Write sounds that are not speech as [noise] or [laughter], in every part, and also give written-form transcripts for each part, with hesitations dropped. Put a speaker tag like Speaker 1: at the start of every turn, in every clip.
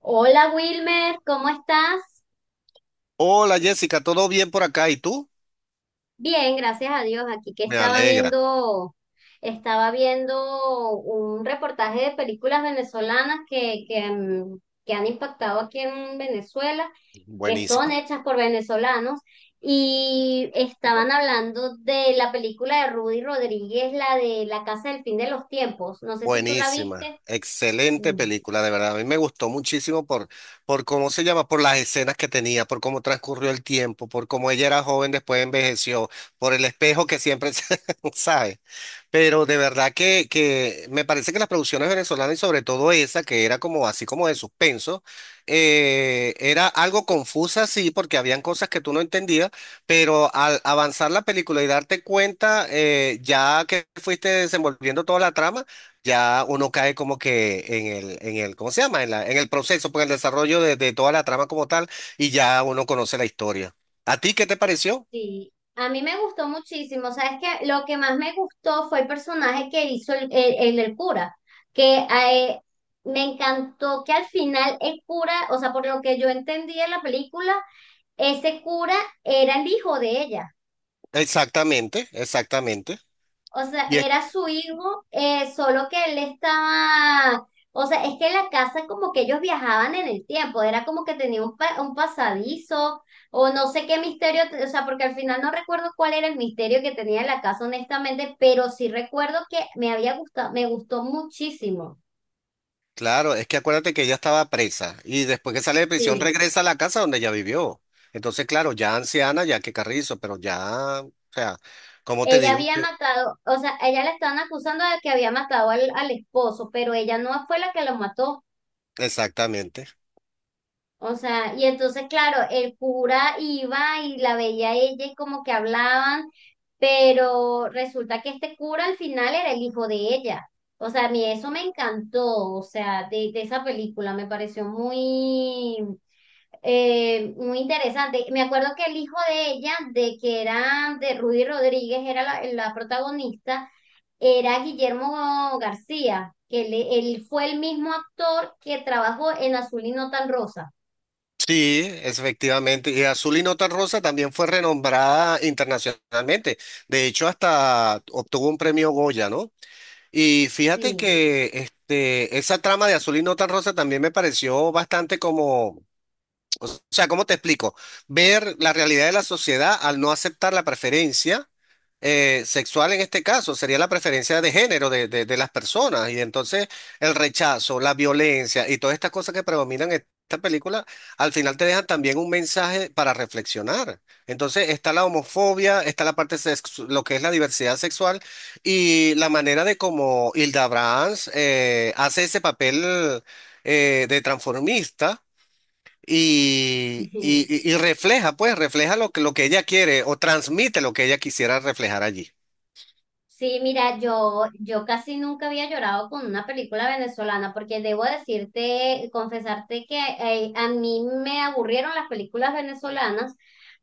Speaker 1: Hola Wilmer, ¿cómo estás?
Speaker 2: Hola Jessica, ¿todo bien por acá? ¿Y tú?
Speaker 1: Bien, gracias a Dios. Aquí que
Speaker 2: Me alegra.
Speaker 1: estaba viendo un reportaje de películas venezolanas que han impactado aquí en Venezuela, que son
Speaker 2: Buenísima.
Speaker 1: hechas por venezolanos, y estaban hablando de la película de Rudy Rodríguez, la de La Casa del Fin de los Tiempos. No sé si tú la
Speaker 2: Buenísima.
Speaker 1: viste.
Speaker 2: Excelente película, de verdad. A mí me gustó muchísimo por cómo se llama, por las escenas que tenía, por cómo transcurrió el tiempo, por cómo ella era joven, después envejeció, por el espejo que siempre se, [laughs] ¿sabes? Pero de verdad que me parece que las producciones venezolanas y sobre todo esa, que era como así como de suspenso, era algo confusa, sí, porque habían cosas que tú no entendías, pero al avanzar la película y darte cuenta, ya que fuiste desenvolviendo toda la trama, ya uno cae como que ¿cómo se llama? En el proceso, pues el desarrollo de toda la trama como tal, y ya uno conoce la historia. ¿A ti qué te pareció?
Speaker 1: Sí, a mí me gustó muchísimo. Sabes que lo que más me gustó fue el personaje que hizo el del cura, que me encantó que al final el cura, o sea, por lo que yo entendí en la película, ese cura era el hijo de ella.
Speaker 2: Exactamente, exactamente.
Speaker 1: O sea,
Speaker 2: Y
Speaker 1: era su hijo, solo que él estaba, o sea, es que la casa como que ellos viajaban en el tiempo, era como que tenía un, un pasadizo o no sé qué misterio, o sea, porque al final no recuerdo cuál era el misterio que tenía la casa honestamente, pero sí recuerdo que me había gustado, me gustó muchísimo.
Speaker 2: claro, es que acuérdate que ella estaba presa y después que sale de prisión
Speaker 1: Sí,
Speaker 2: regresa a la casa donde ella vivió. Entonces, claro, ya anciana, ya que Carrizo, pero ya, o sea, ¿cómo te
Speaker 1: ella
Speaker 2: digo?
Speaker 1: había
Speaker 2: Que-
Speaker 1: matado, o sea, ella la estaban acusando de que había matado al esposo, pero ella no fue la que lo mató.
Speaker 2: Exactamente.
Speaker 1: O sea, y entonces, claro, el cura iba y la veía a ella y como que hablaban, pero resulta que este cura al final era el hijo de ella. O sea, a mí eso me encantó, o sea, de esa película me pareció muy, muy interesante. Me acuerdo que el hijo de ella, de que era de Rudy Rodríguez, era la protagonista, era Guillermo García, que él fue el mismo actor que trabajó en Azul y no tan rosa.
Speaker 2: Sí, es efectivamente. Y Azul y Nota Rosa también fue renombrada internacionalmente. De hecho, hasta obtuvo un premio Goya, ¿no? Y fíjate
Speaker 1: Sí.
Speaker 2: que este, esa trama de Azul y Nota Rosa también me pareció bastante como... O sea, ¿cómo te explico? Ver la realidad de la sociedad al no aceptar la preferencia sexual en este caso, sería la preferencia de género de las personas. Y entonces el rechazo, la violencia y todas estas cosas que predominan en esta película, al final te dejan también un mensaje para reflexionar. Entonces está la homofobia, está la parte lo que es la diversidad sexual y la manera de cómo Hilda Brahms hace ese papel de transformista y
Speaker 1: [laughs]
Speaker 2: refleja, pues, refleja lo que ella quiere o transmite lo que ella quisiera reflejar allí.
Speaker 1: Sí, mira, yo casi nunca había llorado con una película venezolana porque debo decirte, confesarte que a mí me aburrieron las películas venezolanas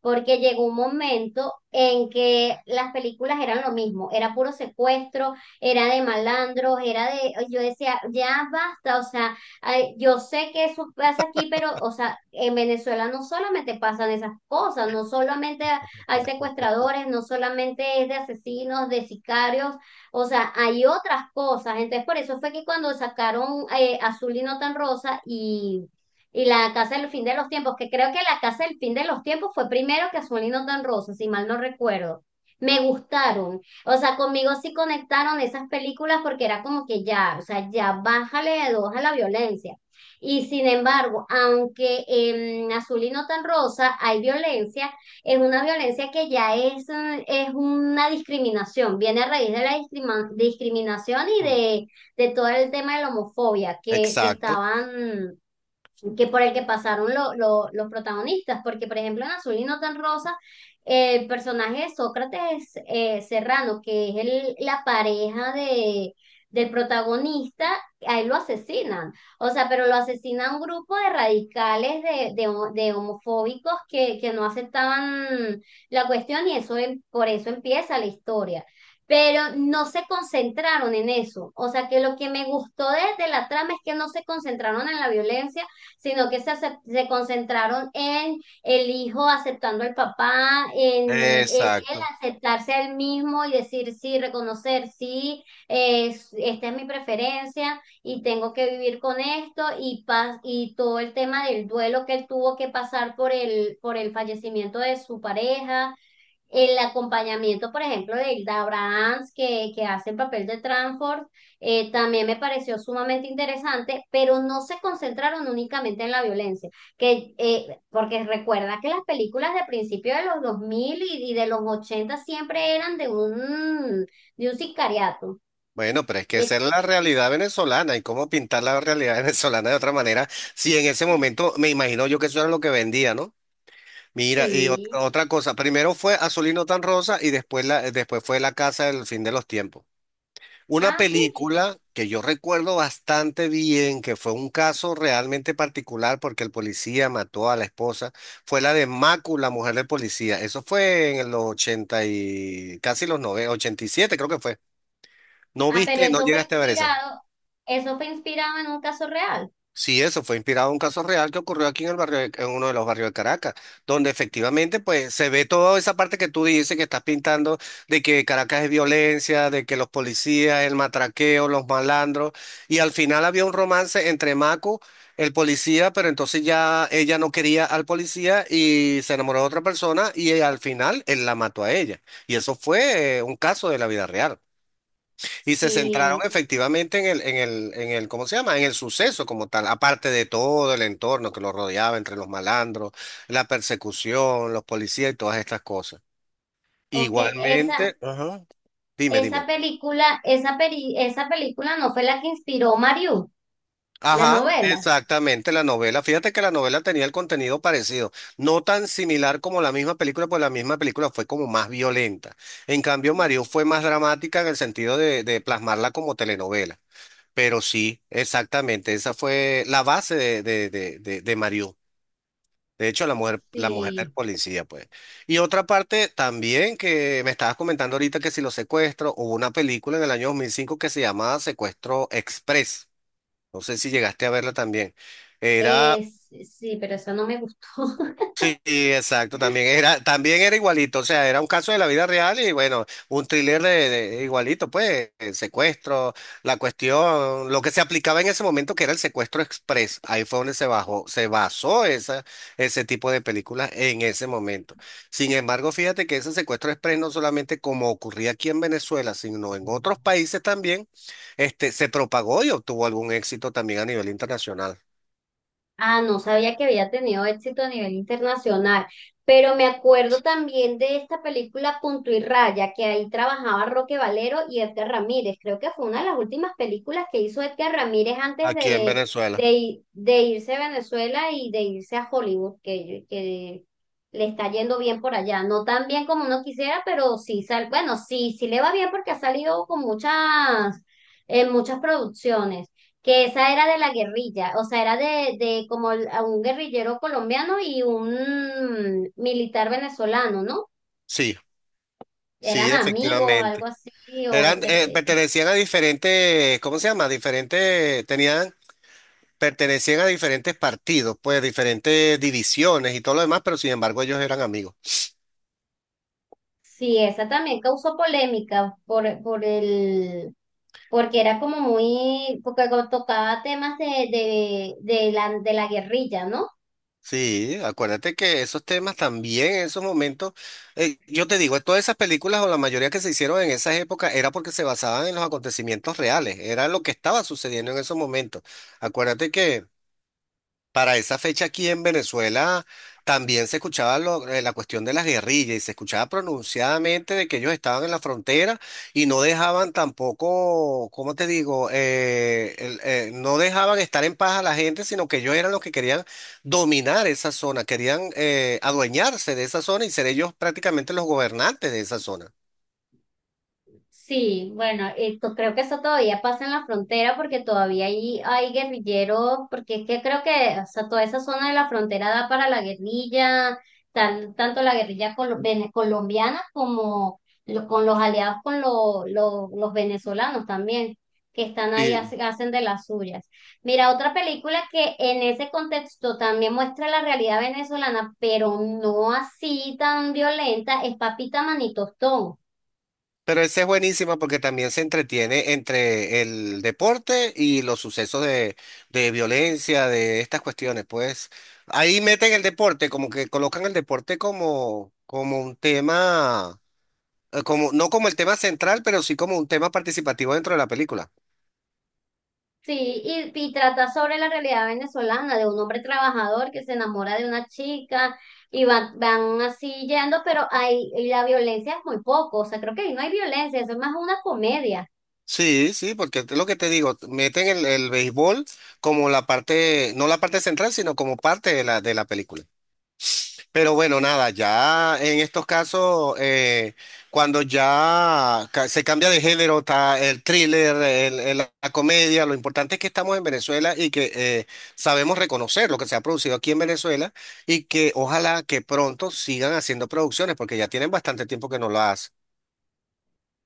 Speaker 1: porque llegó un momento en que las películas eran lo mismo, era puro secuestro, era de malandros, era de, yo decía, ya basta, o sea, ay, yo sé que eso pasa aquí, pero, o sea, en Venezuela no solamente pasan esas cosas, no solamente hay secuestradores, no solamente es de asesinos, de sicarios, o sea, hay otras cosas. Entonces, por eso fue que cuando sacaron Azul y no tan rosa y La Casa del Fin de los Tiempos, que creo que La Casa del Fin de los Tiempos fue primero que Azul y no tan rosa, si mal no recuerdo. Me gustaron, o sea, conmigo sí conectaron esas películas porque era como que ya, o sea, ya bájale de dos a la violencia. Y sin embargo, aunque en Azul y no tan rosa hay violencia, es una violencia que ya es una discriminación, viene a raíz de la discriminación y
Speaker 2: Mm.
Speaker 1: de todo el tema de la homofobia que
Speaker 2: Exacto,
Speaker 1: estaban, que por el que pasaron los protagonistas, porque por ejemplo en Azul y no tan rosa, el personaje de Sócrates Serrano, que es la pareja del protagonista, a él lo asesinan, o sea, pero lo asesina un grupo de radicales, de homofóbicos que no aceptaban la cuestión, y eso por eso empieza la historia. Pero no se concentraron en eso. O sea que lo que me gustó de la trama es que no se concentraron en la violencia, sino que se concentraron en el hijo aceptando al papá, en él
Speaker 2: exacto.
Speaker 1: aceptarse a él mismo y decir sí, reconocer sí, esta es mi preferencia y tengo que vivir con esto, y todo el tema del duelo que él tuvo que pasar por por el fallecimiento de su pareja, el acompañamiento, por ejemplo, de Hilda Abrahams, que hace el papel de Tranford, también me pareció sumamente interesante, pero no se concentraron únicamente en la violencia, porque recuerda que las películas de principio de los 2000 y de los 80 siempre eran de un sicariato.
Speaker 2: Bueno, pero es que esa
Speaker 1: Eh,
Speaker 2: es la realidad venezolana y cómo pintar la realidad [laughs] venezolana de otra manera, si en ese momento me imagino yo que eso era lo que vendía, ¿no? Mira, y
Speaker 1: sí.
Speaker 2: otra cosa, primero fue Azulino tan rosa y después fue La Casa del Fin de los Tiempos. Una
Speaker 1: Ah, sí.
Speaker 2: película que yo recuerdo bastante bien, que fue un caso realmente particular porque el policía mató a la esposa, fue la de Macu, la mujer del policía. Eso fue en los 80 y casi los 90, ochenta y siete creo que fue. ¿No
Speaker 1: Ah, pero
Speaker 2: viste, no llegaste a ver esa?
Speaker 1: eso fue inspirado en un caso real.
Speaker 2: Sí, eso fue inspirado en un caso real que ocurrió aquí en el barrio, en uno de los barrios de Caracas, donde efectivamente pues se ve toda esa parte que tú dices que estás pintando de que Caracas es violencia, de que los policías, el matraqueo, los malandros, y al final había un romance entre Maco, el policía, pero entonces ya ella no quería al policía y se enamoró de otra persona y al final él la mató a ella. Y eso fue un caso de la vida real. Y se centraron
Speaker 1: Sí,
Speaker 2: efectivamente ¿cómo se llama? En el suceso como tal, aparte de todo el entorno que lo rodeaba entre los malandros, la persecución, los policías y todas estas cosas.
Speaker 1: ok. esa,
Speaker 2: Igualmente, ajá. Dime,
Speaker 1: Esa
Speaker 2: dime.
Speaker 1: película, esa peri- esa película no fue la que inspiró Mario, la
Speaker 2: Ajá,
Speaker 1: novela.
Speaker 2: exactamente, la novela. Fíjate que la novela tenía el contenido parecido, no tan similar como la misma película, pues la misma película fue como más violenta. En cambio, Mario fue más dramática en el sentido de plasmarla como telenovela. Pero sí, exactamente, esa fue la base de Mariú. De hecho, la mujer del
Speaker 1: Sí.
Speaker 2: policía, pues. Y otra parte también que me estabas comentando ahorita que si los secuestros, hubo una película en el año 2005 que se llamaba Secuestro Express. No sé si llegaste a verla también. Era...
Speaker 1: Es, sí, pero esa no me gustó. [laughs]
Speaker 2: Sí, exacto, también era igualito, o sea, era un caso de la vida real y bueno, un thriller igualito, pues, el secuestro, la cuestión, lo que se aplicaba en ese momento que era el secuestro express, ahí fue donde se bajó, se basó esa, ese tipo de películas en ese momento. Sin embargo, fíjate que ese secuestro express no solamente como ocurría aquí en Venezuela, sino en otros países también, se propagó y obtuvo algún éxito también a nivel internacional,
Speaker 1: Ah, no sabía que había tenido éxito a nivel internacional, pero me acuerdo también de esta película Punto y Raya, que ahí trabajaba Roque Valero y Edgar Ramírez. Creo que fue una de las últimas películas que hizo Edgar Ramírez antes
Speaker 2: aquí en
Speaker 1: de,
Speaker 2: Venezuela.
Speaker 1: de irse a Venezuela y de irse a Hollywood, que le está yendo bien por allá. No tan bien como uno quisiera, pero sí, bueno, sí, sí le va bien porque ha salido en muchas producciones, que esa era de la guerrilla, o sea, era a un guerrillero colombiano y un militar venezolano, ¿no?
Speaker 2: Sí,
Speaker 1: Eran
Speaker 2: sí,
Speaker 1: amigos, algo
Speaker 2: efectivamente.
Speaker 1: así,
Speaker 2: Pertenecían a diferentes, ¿cómo se llama? Pertenecían a diferentes partidos, pues diferentes divisiones y todo lo demás, pero sin embargo ellos eran amigos.
Speaker 1: sí, esa también causó polémica porque era como muy, porque co- tocaba temas de la guerrilla, ¿no?
Speaker 2: Sí, acuérdate que esos temas también en esos momentos, yo te digo, todas esas películas o la mayoría que se hicieron en esas épocas era porque se basaban en los acontecimientos reales, era lo que estaba sucediendo en esos momentos. Acuérdate que. Para esa fecha aquí en Venezuela también se escuchaba la cuestión de las guerrillas y se escuchaba pronunciadamente de que ellos estaban en la frontera y no dejaban tampoco, ¿cómo te digo? No dejaban estar en paz a la gente, sino que ellos eran los que querían dominar esa zona, querían adueñarse de esa zona y ser ellos prácticamente los gobernantes de esa zona.
Speaker 1: Sí, bueno, esto, creo que eso todavía pasa en la frontera porque todavía ahí hay guerrilleros, porque es que creo que, o sea, toda esa zona de la frontera da para la guerrilla, tanto la guerrilla colombiana como con los aliados con los venezolanos también, que están ahí,
Speaker 2: Sí.
Speaker 1: hacen de las suyas. Mira, otra película que en ese contexto también muestra la realidad venezolana, pero no así tan violenta, es Papita Manitostón.
Speaker 2: Pero esa es buenísima porque también se entretiene entre el deporte y los sucesos de violencia, de estas cuestiones. Pues ahí meten el deporte, como que colocan el deporte como, como un tema, no como el tema central, pero sí como un tema participativo dentro de la película.
Speaker 1: Sí, y trata sobre la realidad venezolana, de un hombre trabajador que se enamora de una chica y van así yendo, pero y la violencia es muy poco, o sea, creo que ahí no hay violencia, eso es más una comedia.
Speaker 2: Sí, sí, porque es lo que te digo, meten el béisbol como la parte, no la parte central, sino como parte de la película. Pero bueno, nada, ya en estos casos, cuando ya se cambia de género, está el thriller, la comedia, lo importante es que estamos en Venezuela y que sabemos reconocer lo que se ha producido aquí en Venezuela y que ojalá que pronto sigan haciendo producciones, porque ya tienen bastante tiempo que no lo hacen.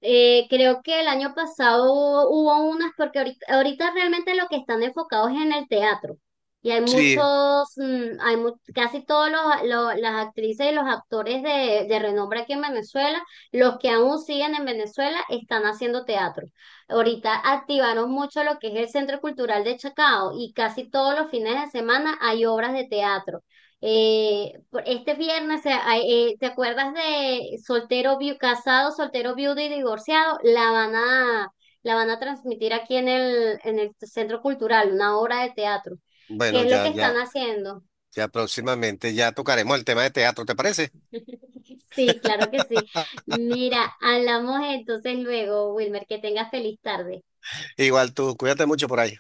Speaker 1: Creo que el año pasado hubo unas, porque ahorita, ahorita realmente lo que están enfocados es en el teatro, y hay
Speaker 2: Sí.
Speaker 1: muchos, mm, hay mu- casi todos las actrices y los actores de renombre aquí en Venezuela, los que aún siguen en Venezuela están haciendo teatro. Ahorita activaron mucho lo que es el Centro Cultural de Chacao y casi todos los fines de semana hay obras de teatro. Este viernes, ¿te acuerdas de Casado, Soltero Viudo y Divorciado? La van a transmitir aquí en el Centro Cultural, una obra de teatro. ¿Qué
Speaker 2: Bueno,
Speaker 1: es lo que
Speaker 2: ya,
Speaker 1: están
Speaker 2: ya,
Speaker 1: haciendo?
Speaker 2: ya, próximamente ya tocaremos el tema de teatro, ¿te parece?
Speaker 1: [laughs] Sí, claro que sí. Mira, hablamos entonces luego, Wilmer, que tengas feliz tarde.
Speaker 2: Igual tú, cuídate mucho por ahí.